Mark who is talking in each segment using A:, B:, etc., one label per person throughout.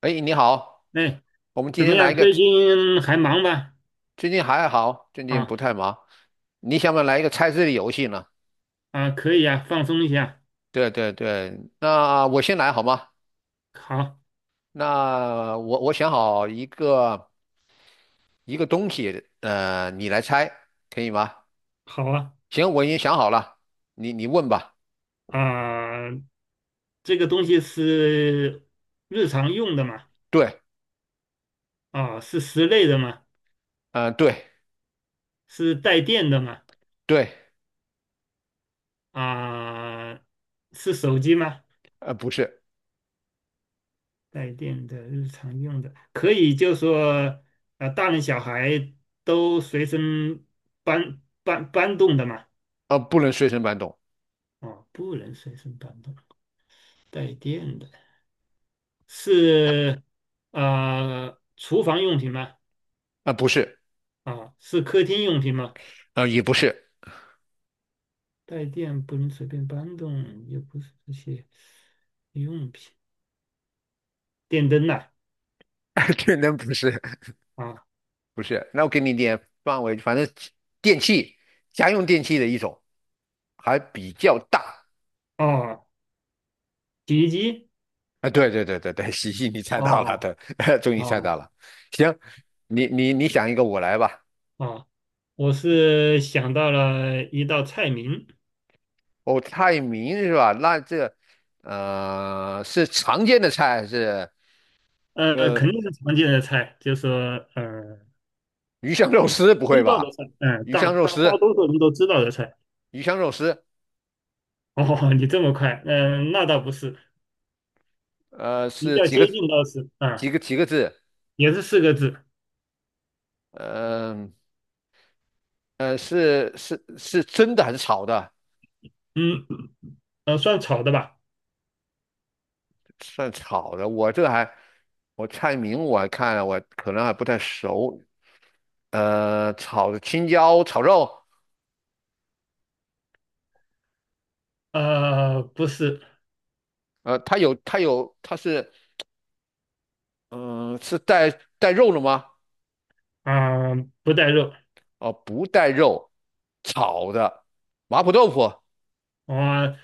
A: 哎，你好，
B: 哎，
A: 我们今
B: 怎么
A: 天来
B: 样？
A: 一个，
B: 最近还忙吗？
A: 最近还好，最近
B: 啊
A: 不太忙。你想不想来一个猜字的游戏呢？
B: 啊，可以啊，放松一下。
A: 对对对，那我先来好吗？
B: 好，
A: 那我想好一个东西，你来猜，可以吗？
B: 好啊，
A: 行，我已经想好了，你问吧。
B: 啊，这个东西是日常用的嘛？
A: 对，
B: 啊，是室内的嘛？
A: 对
B: 是带电的嘛？
A: 对，
B: 啊，是手机吗？
A: 不是，
B: 带电的日常用的，可以就说，大人小孩都随身搬动的嘛？
A: 不能随身搬动，
B: 哦，不能随身搬动，带电的。是啊，厨房用品吗？
A: 不是，
B: 啊，是客厅用品吗？
A: 也不是，
B: 带电不能随便搬动，也不是这些用品，电灯呐、
A: 天能不是，
B: 啊，
A: 不是。那我给你点范围，反正电器，家用电器的一种。还比较大
B: 哦，洗衣机，
A: 啊，对对对对对，喜你猜到了，
B: 哦
A: 对，终于猜
B: 哦
A: 到了。行，你想一个，我来吧。
B: 哦，我是想到了一道菜名，
A: 哦，菜名是吧？那这是常见的菜还是
B: 肯
A: 呃
B: 定是常见的菜，就是说呃
A: 鱼香肉丝？不会
B: 知道
A: 吧？
B: 的菜，嗯、
A: 鱼
B: 大
A: 香肉
B: 大大
A: 丝，
B: 多数人都知道的菜。
A: 鱼香肉丝，
B: 哦，你这么快，嗯、那倒不是，比
A: 是
B: 较接近倒是，啊、
A: 几个字？
B: 也是四个字。
A: 嗯，是是真的还是炒的？
B: 嗯，算炒的吧？
A: 算炒的，我菜名我还看了，我可能还不太熟。炒青椒炒肉，
B: 不是，
A: 它是嗯、是带肉的吗？
B: 啊、不带肉，
A: 哦、不带肉，炒的麻婆豆腐，
B: 啊、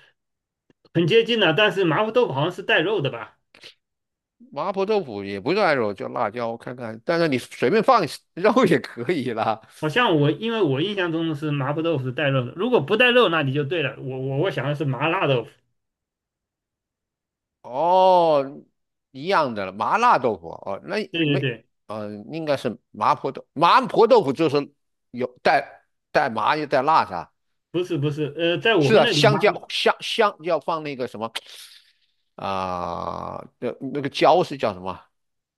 B: 很接近了。但是麻婆豆腐好像是带肉的吧？
A: 麻婆豆腐也不算肉，就辣椒我看看，但是你随便放 肉也可以啦。
B: 好像我，因为我印象中是麻婆豆腐是带肉的。如果不带肉，那你就对了。我想的是麻辣豆腐。
A: 哦，一样的了麻辣豆腐哦，那
B: 对对
A: 没，
B: 对，
A: 嗯，应该是麻婆豆腐就是有带麻又带辣的，
B: 不是不是，在我
A: 是
B: 们
A: 啊，
B: 那里
A: 香
B: 麻
A: 蕉香香要放那个什么。啊、那个椒是叫什么？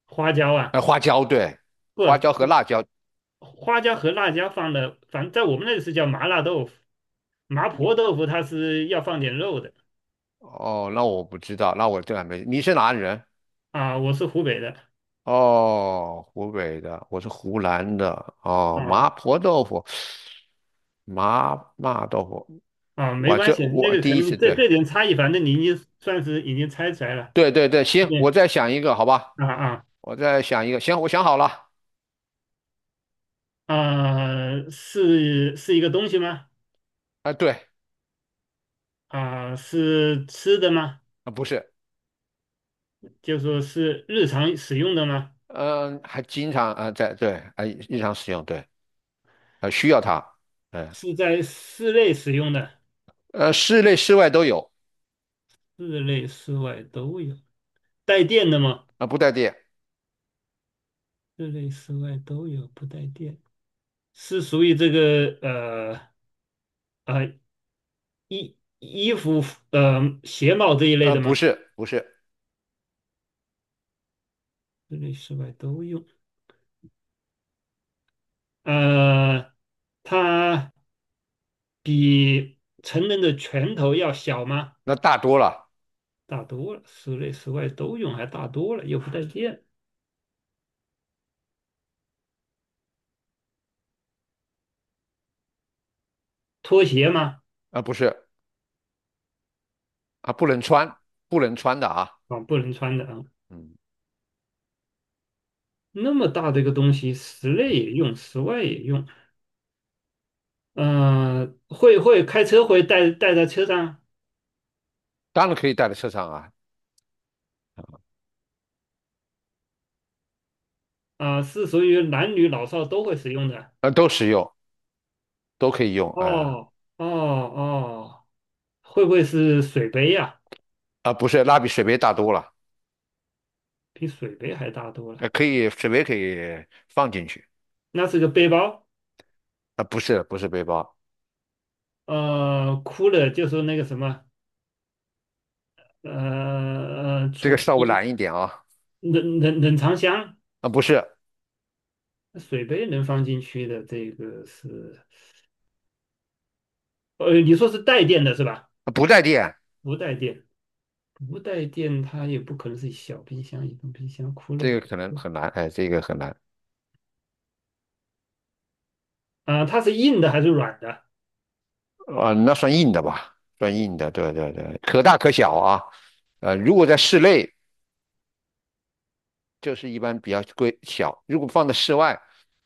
B: 花椒啊，
A: 花椒对，
B: 不，
A: 花椒和辣椒。
B: 花椒和辣椒放的，反正在我们那里是叫麻辣豆腐。麻婆
A: 你
B: 豆腐它是要放点肉的
A: 哦，那我不知道，那我这还没。你是哪里人？
B: 啊、我是湖北的
A: 哦，湖北的，我是湖南的。哦，麻
B: 啊、
A: 婆豆腐，麻豆腐，
B: 啊，没关系，那
A: 我
B: 个可
A: 第一
B: 能
A: 次
B: 这
A: 对，
B: 这点差异，反正你已经算是已经猜出来了。
A: 对对对，行，我
B: 对，
A: 再想一个，好吧，
B: 啊啊
A: 我再想一个，行，我想好了。
B: 啊，是一个东西吗？
A: 啊，对，
B: 啊，是吃的吗？
A: 啊不是，
B: 就说是日常使用的吗？
A: 嗯，还经常啊在对，啊日常使用，对，啊需要它，嗯，
B: 是在室内使用的，
A: 室内室外都有
B: 室内室外都有。带电的吗？
A: 啊、不带电
B: 室内室外都有，不带电。是属于这个呃衣服鞋帽这一
A: 啊，
B: 类的
A: 不
B: 吗？
A: 是不是，
B: 室内室外都用。呃，它比成人的拳头要小吗？
A: 那大多了
B: 大多了，室内室外都用，还大多了，又不带电。拖鞋吗？
A: 啊、不是啊，不能穿，不能穿的啊，
B: 啊，不能穿的啊。
A: 嗯，
B: 那么大的一个东西，室内也用，室外也用。会开车会带在车上
A: 当然可以带在车上啊，
B: 啊，是属于男女老少都会使用的。
A: 都实用，都可以用，啊。
B: 哦哦哦，会不会是水杯呀？
A: 啊，不是，那比水杯大多了，
B: 比水杯还大多了。
A: 可以水杯可以放进去，
B: 那是个背包。
A: 啊、不是不是背包，
B: 哭了就说那个什么，呃呃，
A: 这
B: 储
A: 个
B: 储
A: 稍微难一点啊，啊、
B: 冷藏箱、
A: 不是，
B: 水杯能放进去的，这个是，你说是带电的是吧？
A: 啊不带电，
B: 不带电，不带电，它也不可能是小冰箱、移动冰箱、哭了
A: 这个
B: 有
A: 可能很难，哎，这个很难，
B: 啊、它是硬的还是软的？
A: 啊、那算硬的吧，算硬的，对对对，可大可小啊，如果在室内。就是一般比较规小。如果放在室外，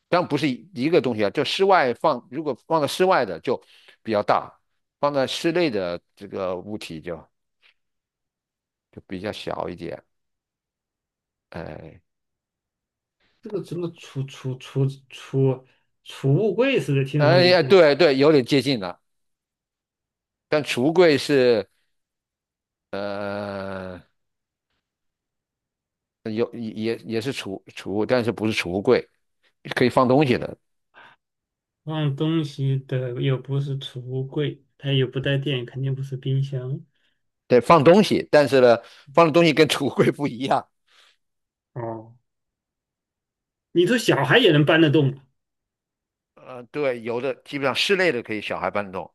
A: 当然不是一个东西啊，就室外放，如果放在室外的就比较大，放在室内的这个物体就比较小一点。哎
B: 这个什么储物柜似的，听上
A: 哎
B: 去
A: 呀，
B: 是吧？
A: 对对，有点接近了。但橱柜是呃有也是储物，但是不是储物柜，可以放东西的。
B: 放东西的又不是储物柜，它又不带电，肯定不是冰箱。
A: 对，放东西，但是呢，放的东西跟 储物柜不一样。
B: 哦，你说小孩也能搬得动？
A: 对，有的基本上室内的可以小孩搬动，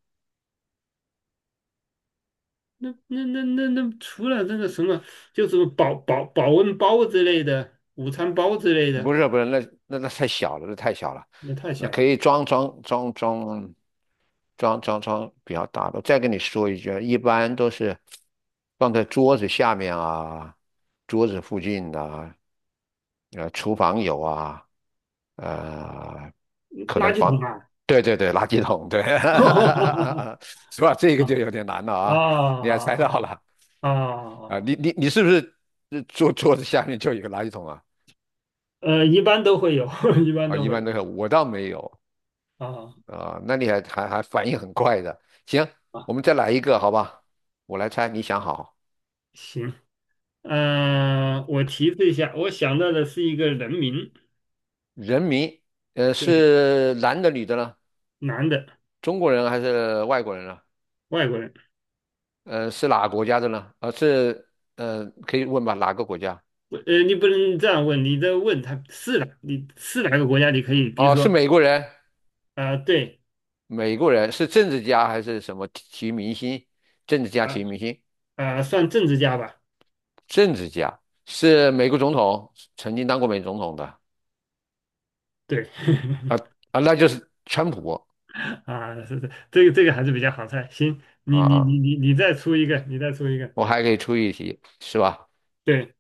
B: 那除了那个什么，就是保温包之类的，午餐包之类
A: 不
B: 的，
A: 是不是，那太小了，那太小了，
B: 那太
A: 那
B: 小
A: 可
B: 了，
A: 以装比较大的。再跟你说一句啊，一般都是放在桌子下面啊，桌子附近啊，厨房有啊，呃，可能
B: 垃圾
A: 房，
B: 桶啊！
A: 对对对，垃圾桶，对，是吧？这个就有点难了啊，你还猜
B: 啊
A: 到了啊？你
B: 啊，
A: 你你是不是桌子下面就有一个垃圾桶啊？
B: 一般都会有，一般
A: 啊，
B: 都
A: 一
B: 会
A: 般
B: 有
A: 都是我倒没有
B: 啊。
A: 啊、那你还反应很快的。行，
B: 啊，
A: 我们再来一个，好吧？我来猜，你想好，
B: 行，我提示一下，我想到的是一个人名，
A: 人名，
B: 对，
A: 是男的女的呢？
B: 男的，
A: 中国人还是外国人呢？
B: 外国人。
A: 是哪个国家的呢？可以问吧？哪个国家？
B: 你不能这样问，你这问他是哪，你是哪个国家？你可以，比如
A: 哦，是
B: 说，
A: 美国人，
B: 啊、对，
A: 美国人是政治家还是什么体育明星？政治家、体
B: 啊。
A: 育明星，
B: 啊、算政治家吧，
A: 政治家是美国总统，曾经当过美国总统的
B: 对，
A: 啊 啊，那就是川普
B: 啊，是，这个还是比较好猜。行，你
A: 啊
B: 你
A: 啊，
B: 你你你再出一个，你再出一个，
A: 我还可以出一题，是吧？
B: 对，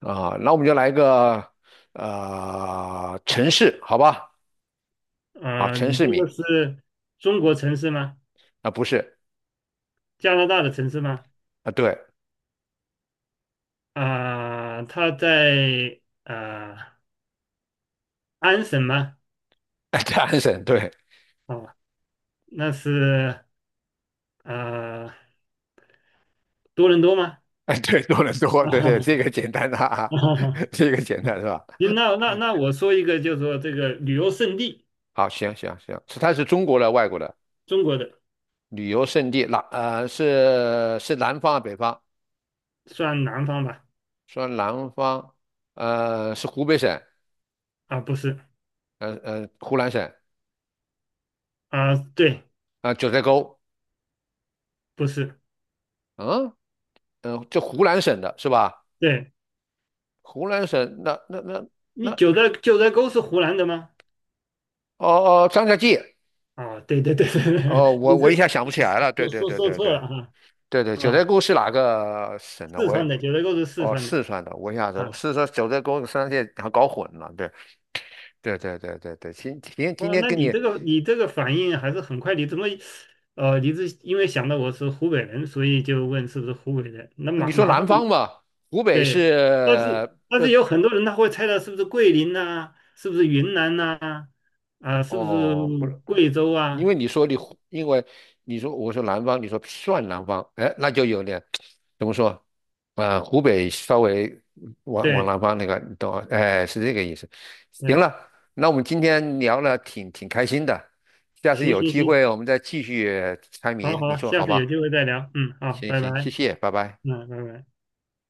A: 啊，那我们就来个城市，好吧？啊，
B: 啊、
A: 城
B: 你
A: 市
B: 这个
A: 名
B: 是中国城市吗？
A: 啊，不是
B: 加拿大的城市吗？
A: 啊，对，
B: 啊、它在啊、安省吗？
A: 在安省，对，
B: 哦，那是啊、多伦多吗？
A: 哎，对，多伦多，对对，
B: 啊，
A: 这个简单的啊，这个简单是吧？
B: 行，那我说一个，就是说这个旅游胜地，
A: 好，行行行，是它是中国的、外国的
B: 中国的
A: 旅游胜地，是南方啊，北方？
B: 算南方吧？
A: 说南方，是湖北省，
B: 啊，不是
A: 湖南省
B: 啊、对。
A: 啊、九寨沟，
B: 不是，
A: 嗯嗯，就湖南省的是吧？
B: 对，
A: 湖南省
B: 你
A: 那
B: 九寨沟是湖南的吗？
A: 哦哦，张家界
B: 啊，对对对对对，
A: 哦，
B: 你
A: 我一下
B: 是
A: 想不起来了。对
B: 说
A: 对
B: 说
A: 对
B: 说
A: 对
B: 错
A: 对
B: 了啊
A: 对对，九寨
B: 啊，
A: 沟是哪个省的？
B: 四
A: 我也
B: 川
A: 不
B: 的九寨沟是四
A: 哦，
B: 川的
A: 四川的。我一下子
B: 啊，
A: 四川九寨沟三线还搞混了。对对对对对对，今
B: 哇，
A: 天
B: 那
A: 跟
B: 你这个你这个反应还是很快，你怎么你是因为想到我是湖北人，所以就问是不是湖北人？那
A: 你
B: 马
A: 说
B: 马上
A: 南
B: 你
A: 方吧，湖北
B: 对，但
A: 是
B: 是但是有很多人他会猜到是不是桂林呐、是不是云南呐、啊，是不是
A: 哦，不
B: 贵州
A: 因
B: 啊？
A: 为你说你，因为你说我说南方，你说算南方，哎，那就有点怎么说？啊、湖北稍微往
B: 对
A: 南方那个，你懂啊？哎，是这个意思。行
B: 对，
A: 了，那我们今天聊了挺开心的，下次
B: 行
A: 有
B: 行
A: 机会
B: 行。
A: 我们再继续猜谜，
B: 好
A: 你
B: 好，
A: 说
B: 下
A: 好
B: 次有
A: 吧？
B: 机会再聊。嗯，好，
A: 行
B: 拜拜。
A: 行，谢谢，拜拜。
B: 嗯，拜拜。